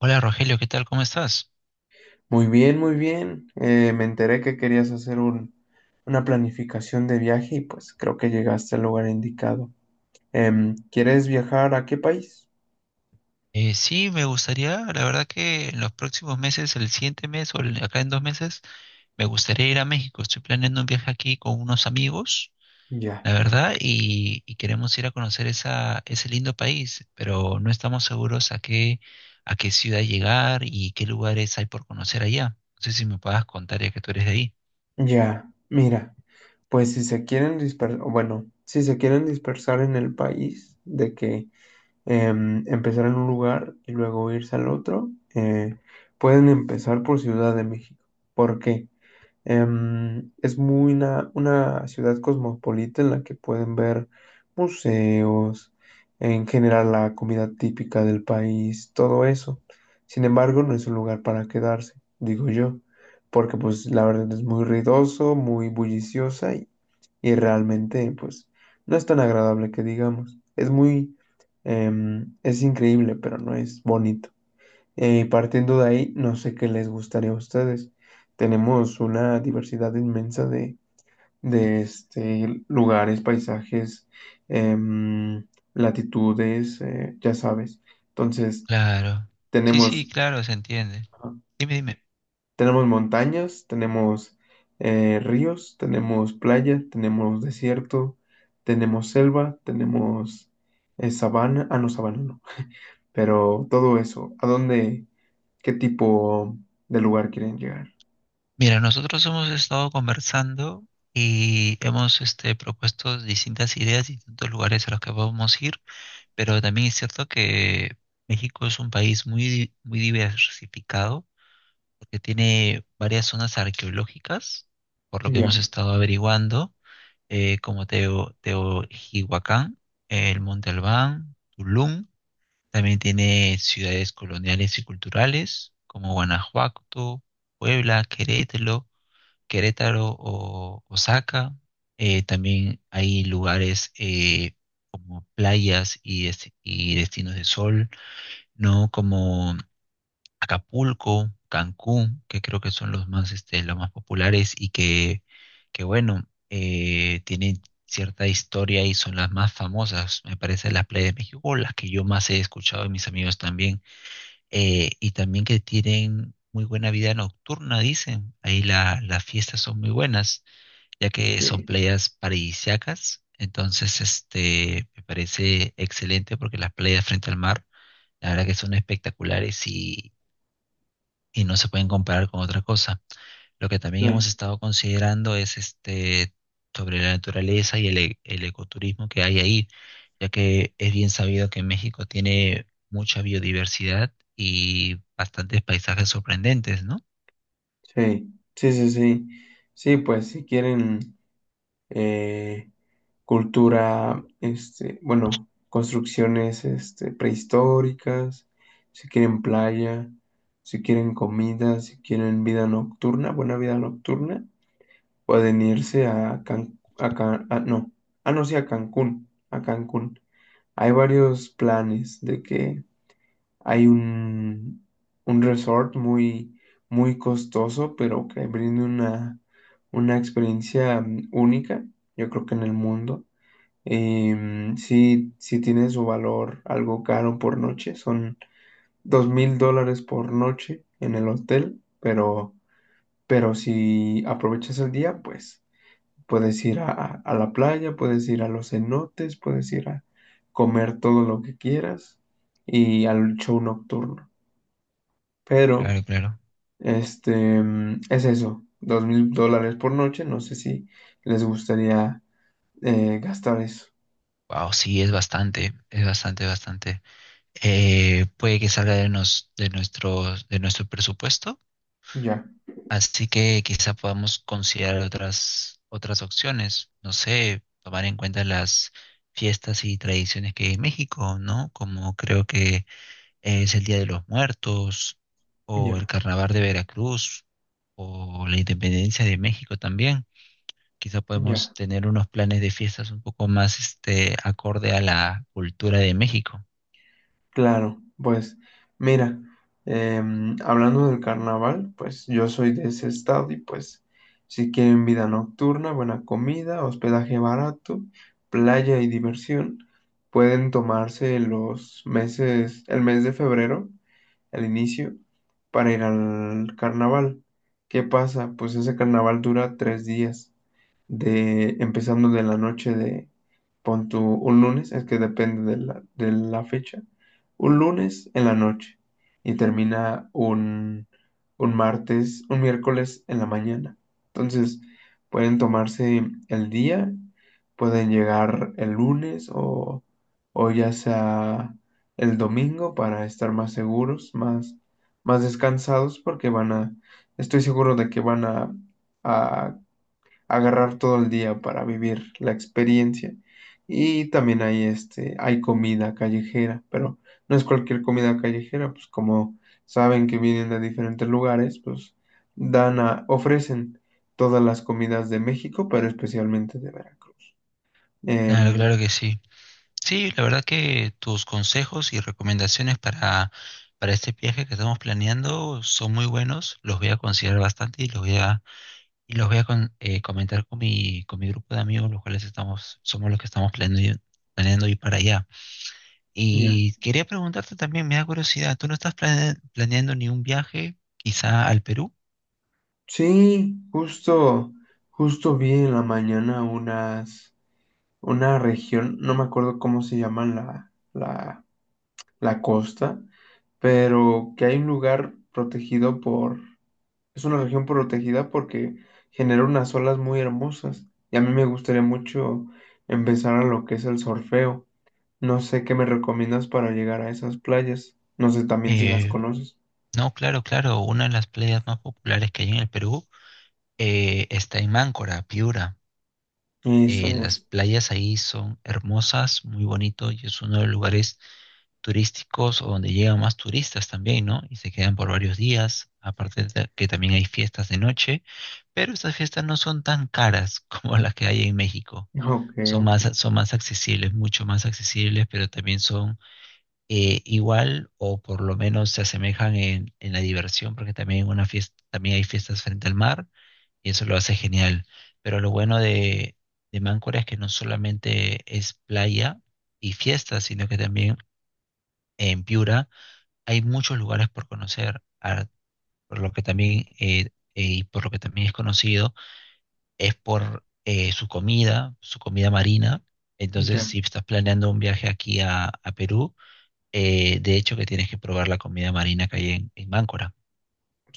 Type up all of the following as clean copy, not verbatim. Hola Rogelio, ¿qué tal? ¿Cómo estás? Muy bien, muy bien. Me enteré que querías hacer una planificación de viaje y pues creo que llegaste al lugar indicado. ¿Quieres viajar a qué país? Sí, me gustaría, la verdad que en los próximos meses, el siguiente mes o acá en 2 meses, me gustaría ir a México. Estoy planeando un viaje aquí con unos amigos, Ya, la verdad, y queremos ir a conocer ese lindo país, pero no estamos seguros a qué ciudad llegar y qué lugares hay por conocer allá. No sé si me puedas contar ya que tú eres de ahí. ya. Mira, pues si se quieren dispersar, bueno, si se quieren dispersar en el país, de que empezar en un lugar y luego irse al otro, pueden empezar por Ciudad de México. ¿Por qué? Es muy una ciudad cosmopolita en la que pueden ver museos, en general la comida típica del país, todo eso. Sin embargo, no es un lugar para quedarse, digo yo, porque pues la verdad es muy ruidoso, muy bulliciosa y realmente pues no es tan agradable que digamos. Es muy, es increíble, pero no es bonita. Y partiendo de ahí, no sé qué les gustaría a ustedes. Tenemos una diversidad inmensa de, este, lugares, paisajes, em, latitudes, ya sabes. Entonces, Claro. Sí, sí, tenemos, claro, se entiende. ajá, Dime, dime. tenemos montañas, tenemos ríos, tenemos playa, tenemos desierto, tenemos selva, tenemos sabana. Ah, no, sabana no. Pero todo eso, ¿a dónde, qué tipo de lugar quieren llegar? Mira, nosotros hemos estado conversando y hemos propuesto distintas ideas, distintos lugares a los que podemos ir, pero también es cierto que México es un país muy diversificado, porque tiene varias zonas arqueológicas, por lo que Ya, hemos ok. estado averiguando, como Teotihuacán, el Monte Albán, Tulum, también tiene ciudades coloniales y culturales, como Guanajuato, Puebla, Querétaro. Querétaro o Osaka. También hay lugares como playas y destinos de sol, ¿no? Como Acapulco, Cancún, que creo que son los más populares y que bueno, tienen cierta historia y son las más famosas, me parece, las playas de México, o las que yo más he escuchado de mis amigos también, y también que tienen muy buena vida nocturna, dicen, ahí las fiestas son muy buenas ya que son Sí, playas paradisíacas. Entonces, me parece excelente porque las playas frente al mar, la verdad que son espectaculares y no se pueden comparar con otra cosa. Lo que también claro, hemos estado considerando es sobre la naturaleza y el ecoturismo que hay ahí, ya que es bien sabido que México tiene mucha biodiversidad y bastantes paisajes sorprendentes, ¿no? sí, sí, sí, sí, sí, pues si quieren eh, cultura, este, bueno, construcciones este, prehistóricas, si quieren playa, si quieren comida, si quieren vida nocturna, buena vida nocturna, pueden irse a Cancún, no, ah, no, sí, a Cancún, a Cancún. Hay varios planes de que. Hay un resort muy, muy costoso, pero que brinda una experiencia única, yo creo que en el mundo. Sí, sí tiene su valor algo caro por noche, son $2,000 por noche en el hotel, pero si aprovechas el día, pues puedes ir a, a la playa, puedes ir a los cenotes, puedes ir a comer todo lo que quieras y al show nocturno. Pero, Claro, claro. este, es eso, $2,000 por noche. No sé si les gustaría gastar eso. Wow, sí, es bastante, bastante. Puede que salga de nuestro presupuesto, Ya, así que quizá podamos considerar otras opciones, no sé, tomar en cuenta las fiestas y tradiciones que hay en México, ¿no? Como creo que es el Día de los Muertos o el ya, Carnaval de Veracruz o la Independencia de México también. Quizá ya. podemos tener unos planes de fiestas un poco más acorde a la cultura de México. Claro, pues, mira, hablando del carnaval, pues yo soy de ese estado y pues, si quieren vida nocturna, buena comida, hospedaje barato, playa y diversión, pueden tomarse los meses, el mes de febrero al inicio para ir al carnaval. ¿Qué pasa? Pues ese carnaval dura 3 días, de empezando de la noche de, pon tú un lunes, es que depende de la fecha, un lunes en la noche y termina un, martes, un miércoles en la mañana. Entonces, pueden tomarse el día, pueden llegar el lunes o ya sea el domingo para estar más seguros, más descansados, porque van a, estoy seguro de que van a agarrar todo el día para vivir la experiencia. Y también hay este, hay comida callejera, pero no es cualquier comida callejera, pues como saben que vienen de diferentes lugares, pues ofrecen todas las comidas de México, pero especialmente de Veracruz. Claro, Em, claro que sí. Sí, la verdad que tus consejos y recomendaciones para este viaje que estamos planeando son muy buenos, los voy a considerar bastante y los voy a comentar con mi grupo de amigos, los cuales estamos, somos los que estamos planeando ir para allá. ya. Y quería preguntarte también, me da curiosidad, ¿tú no estás planeando ni un viaje quizá al Perú? Sí, justo vi en la mañana unas, una región, no me acuerdo cómo se llama la, la costa, pero que hay un lugar protegido por, es una región protegida porque genera unas olas muy hermosas y a mí me gustaría mucho empezar a lo que es el surfeo. No sé qué me recomiendas para llegar a esas playas. No sé también si las Eh, conoces. no, claro, claro, una de las playas más populares que hay en el Perú está en Máncora, Piura. Eso Las es. playas ahí son hermosas, muy bonito y es uno de los lugares turísticos o donde llegan más turistas también, ¿no? Y se quedan por varios días, aparte de que también hay fiestas de noche, pero estas fiestas no son tan caras como las que hay en México. Ok, Son ok. más, son más accesibles, mucho más accesibles, pero también son igual o por lo menos se asemejan en la diversión, porque también, una fiesta, también hay fiestas frente al mar y eso lo hace genial. Pero lo bueno de Máncora es que no solamente es playa y fiestas, sino que también en Piura hay muchos lugares por conocer, por lo que también es conocido, es por su comida marina. Entonces, Ya. si estás planeando un viaje aquí a Perú, de hecho que tienes que probar la comida marina que hay en Máncora.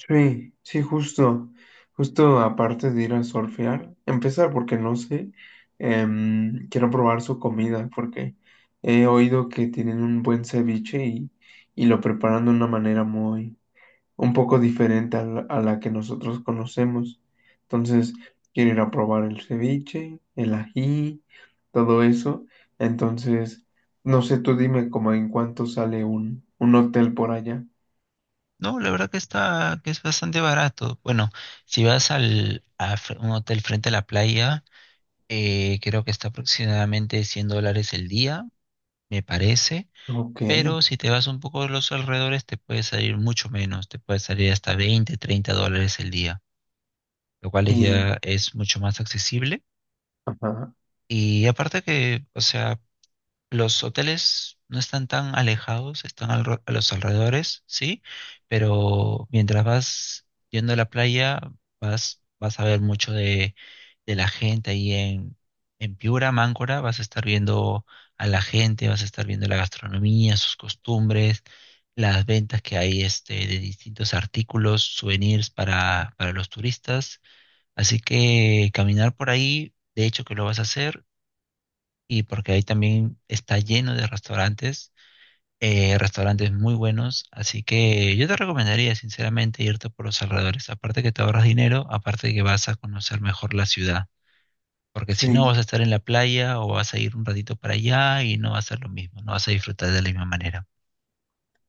Sí, sí, justo aparte de ir a surfear, empezar porque no sé, quiero probar su comida porque he oído que tienen un buen ceviche y lo preparan de una manera muy, un poco diferente a la que nosotros conocemos. Entonces, quiero ir a probar el ceviche, el ají, todo eso. Entonces, no sé, tú dime como en cuánto sale un, hotel por allá. No, la verdad que está, que es bastante barato. Bueno, si vas un hotel frente a la playa, creo que está aproximadamente $100 el día, me parece. Ok. Pero si te vas un poco a los alrededores, te puede salir mucho menos, te puede salir hasta 20, $30 el día, lo cual y- ya es mucho más accesible. Ajá. Y aparte que, o sea, los hoteles no están tan alejados, están a los alrededores, sí, pero mientras vas yendo a la playa, vas a ver mucho de la gente ahí en Piura, Máncora, vas a estar viendo a la gente, vas a estar viendo la gastronomía, sus costumbres, las ventas que hay de distintos artículos, souvenirs para los turistas. Así que caminar por ahí, de hecho que lo vas a hacer y porque ahí también está lleno de restaurantes, restaurantes muy buenos, así que yo te recomendaría sinceramente irte por los alrededores, aparte que te ahorras dinero, aparte que vas a conocer mejor la ciudad, porque si no vas a Sí, estar en la playa o vas a ir un ratito para allá y no va a ser lo mismo, no vas a disfrutar de la misma manera.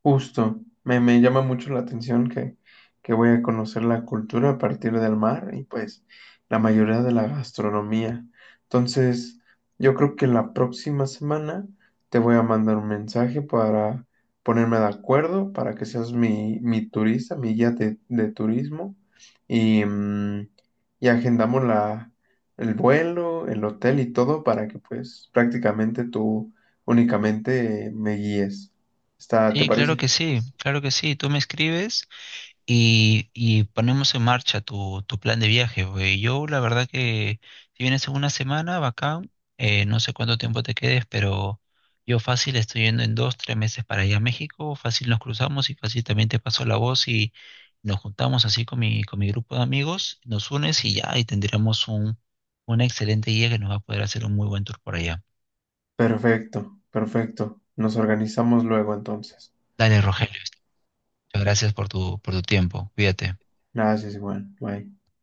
justo. Me llama mucho la atención que voy a conocer la cultura a partir del mar y pues la mayoría de la gastronomía. Entonces, yo creo que la próxima semana te voy a mandar un mensaje para ponerme de acuerdo, para que seas mi, turista, mi guía de turismo y, y agendamos la, el vuelo, el hotel y todo para que pues prácticamente tú únicamente me guíes. Está, ¿te Sí, claro parece? que sí, claro que sí, tú me escribes y ponemos en marcha tu plan de viaje. Güey, yo la verdad que si vienes en una semana, bacán, no sé cuánto tiempo te quedes, pero yo fácil estoy yendo en 2, 3 meses para allá a México, fácil nos cruzamos y fácil también te paso la voz y nos juntamos así con mi grupo de amigos, nos unes y ya, y tendremos una excelente guía que nos va a poder hacer un muy buen tour por allá. Perfecto, perfecto. Nos organizamos luego entonces. Dale, Rogelio, muchas gracias por tu tiempo, cuídate. Gracias, Juan. Bye.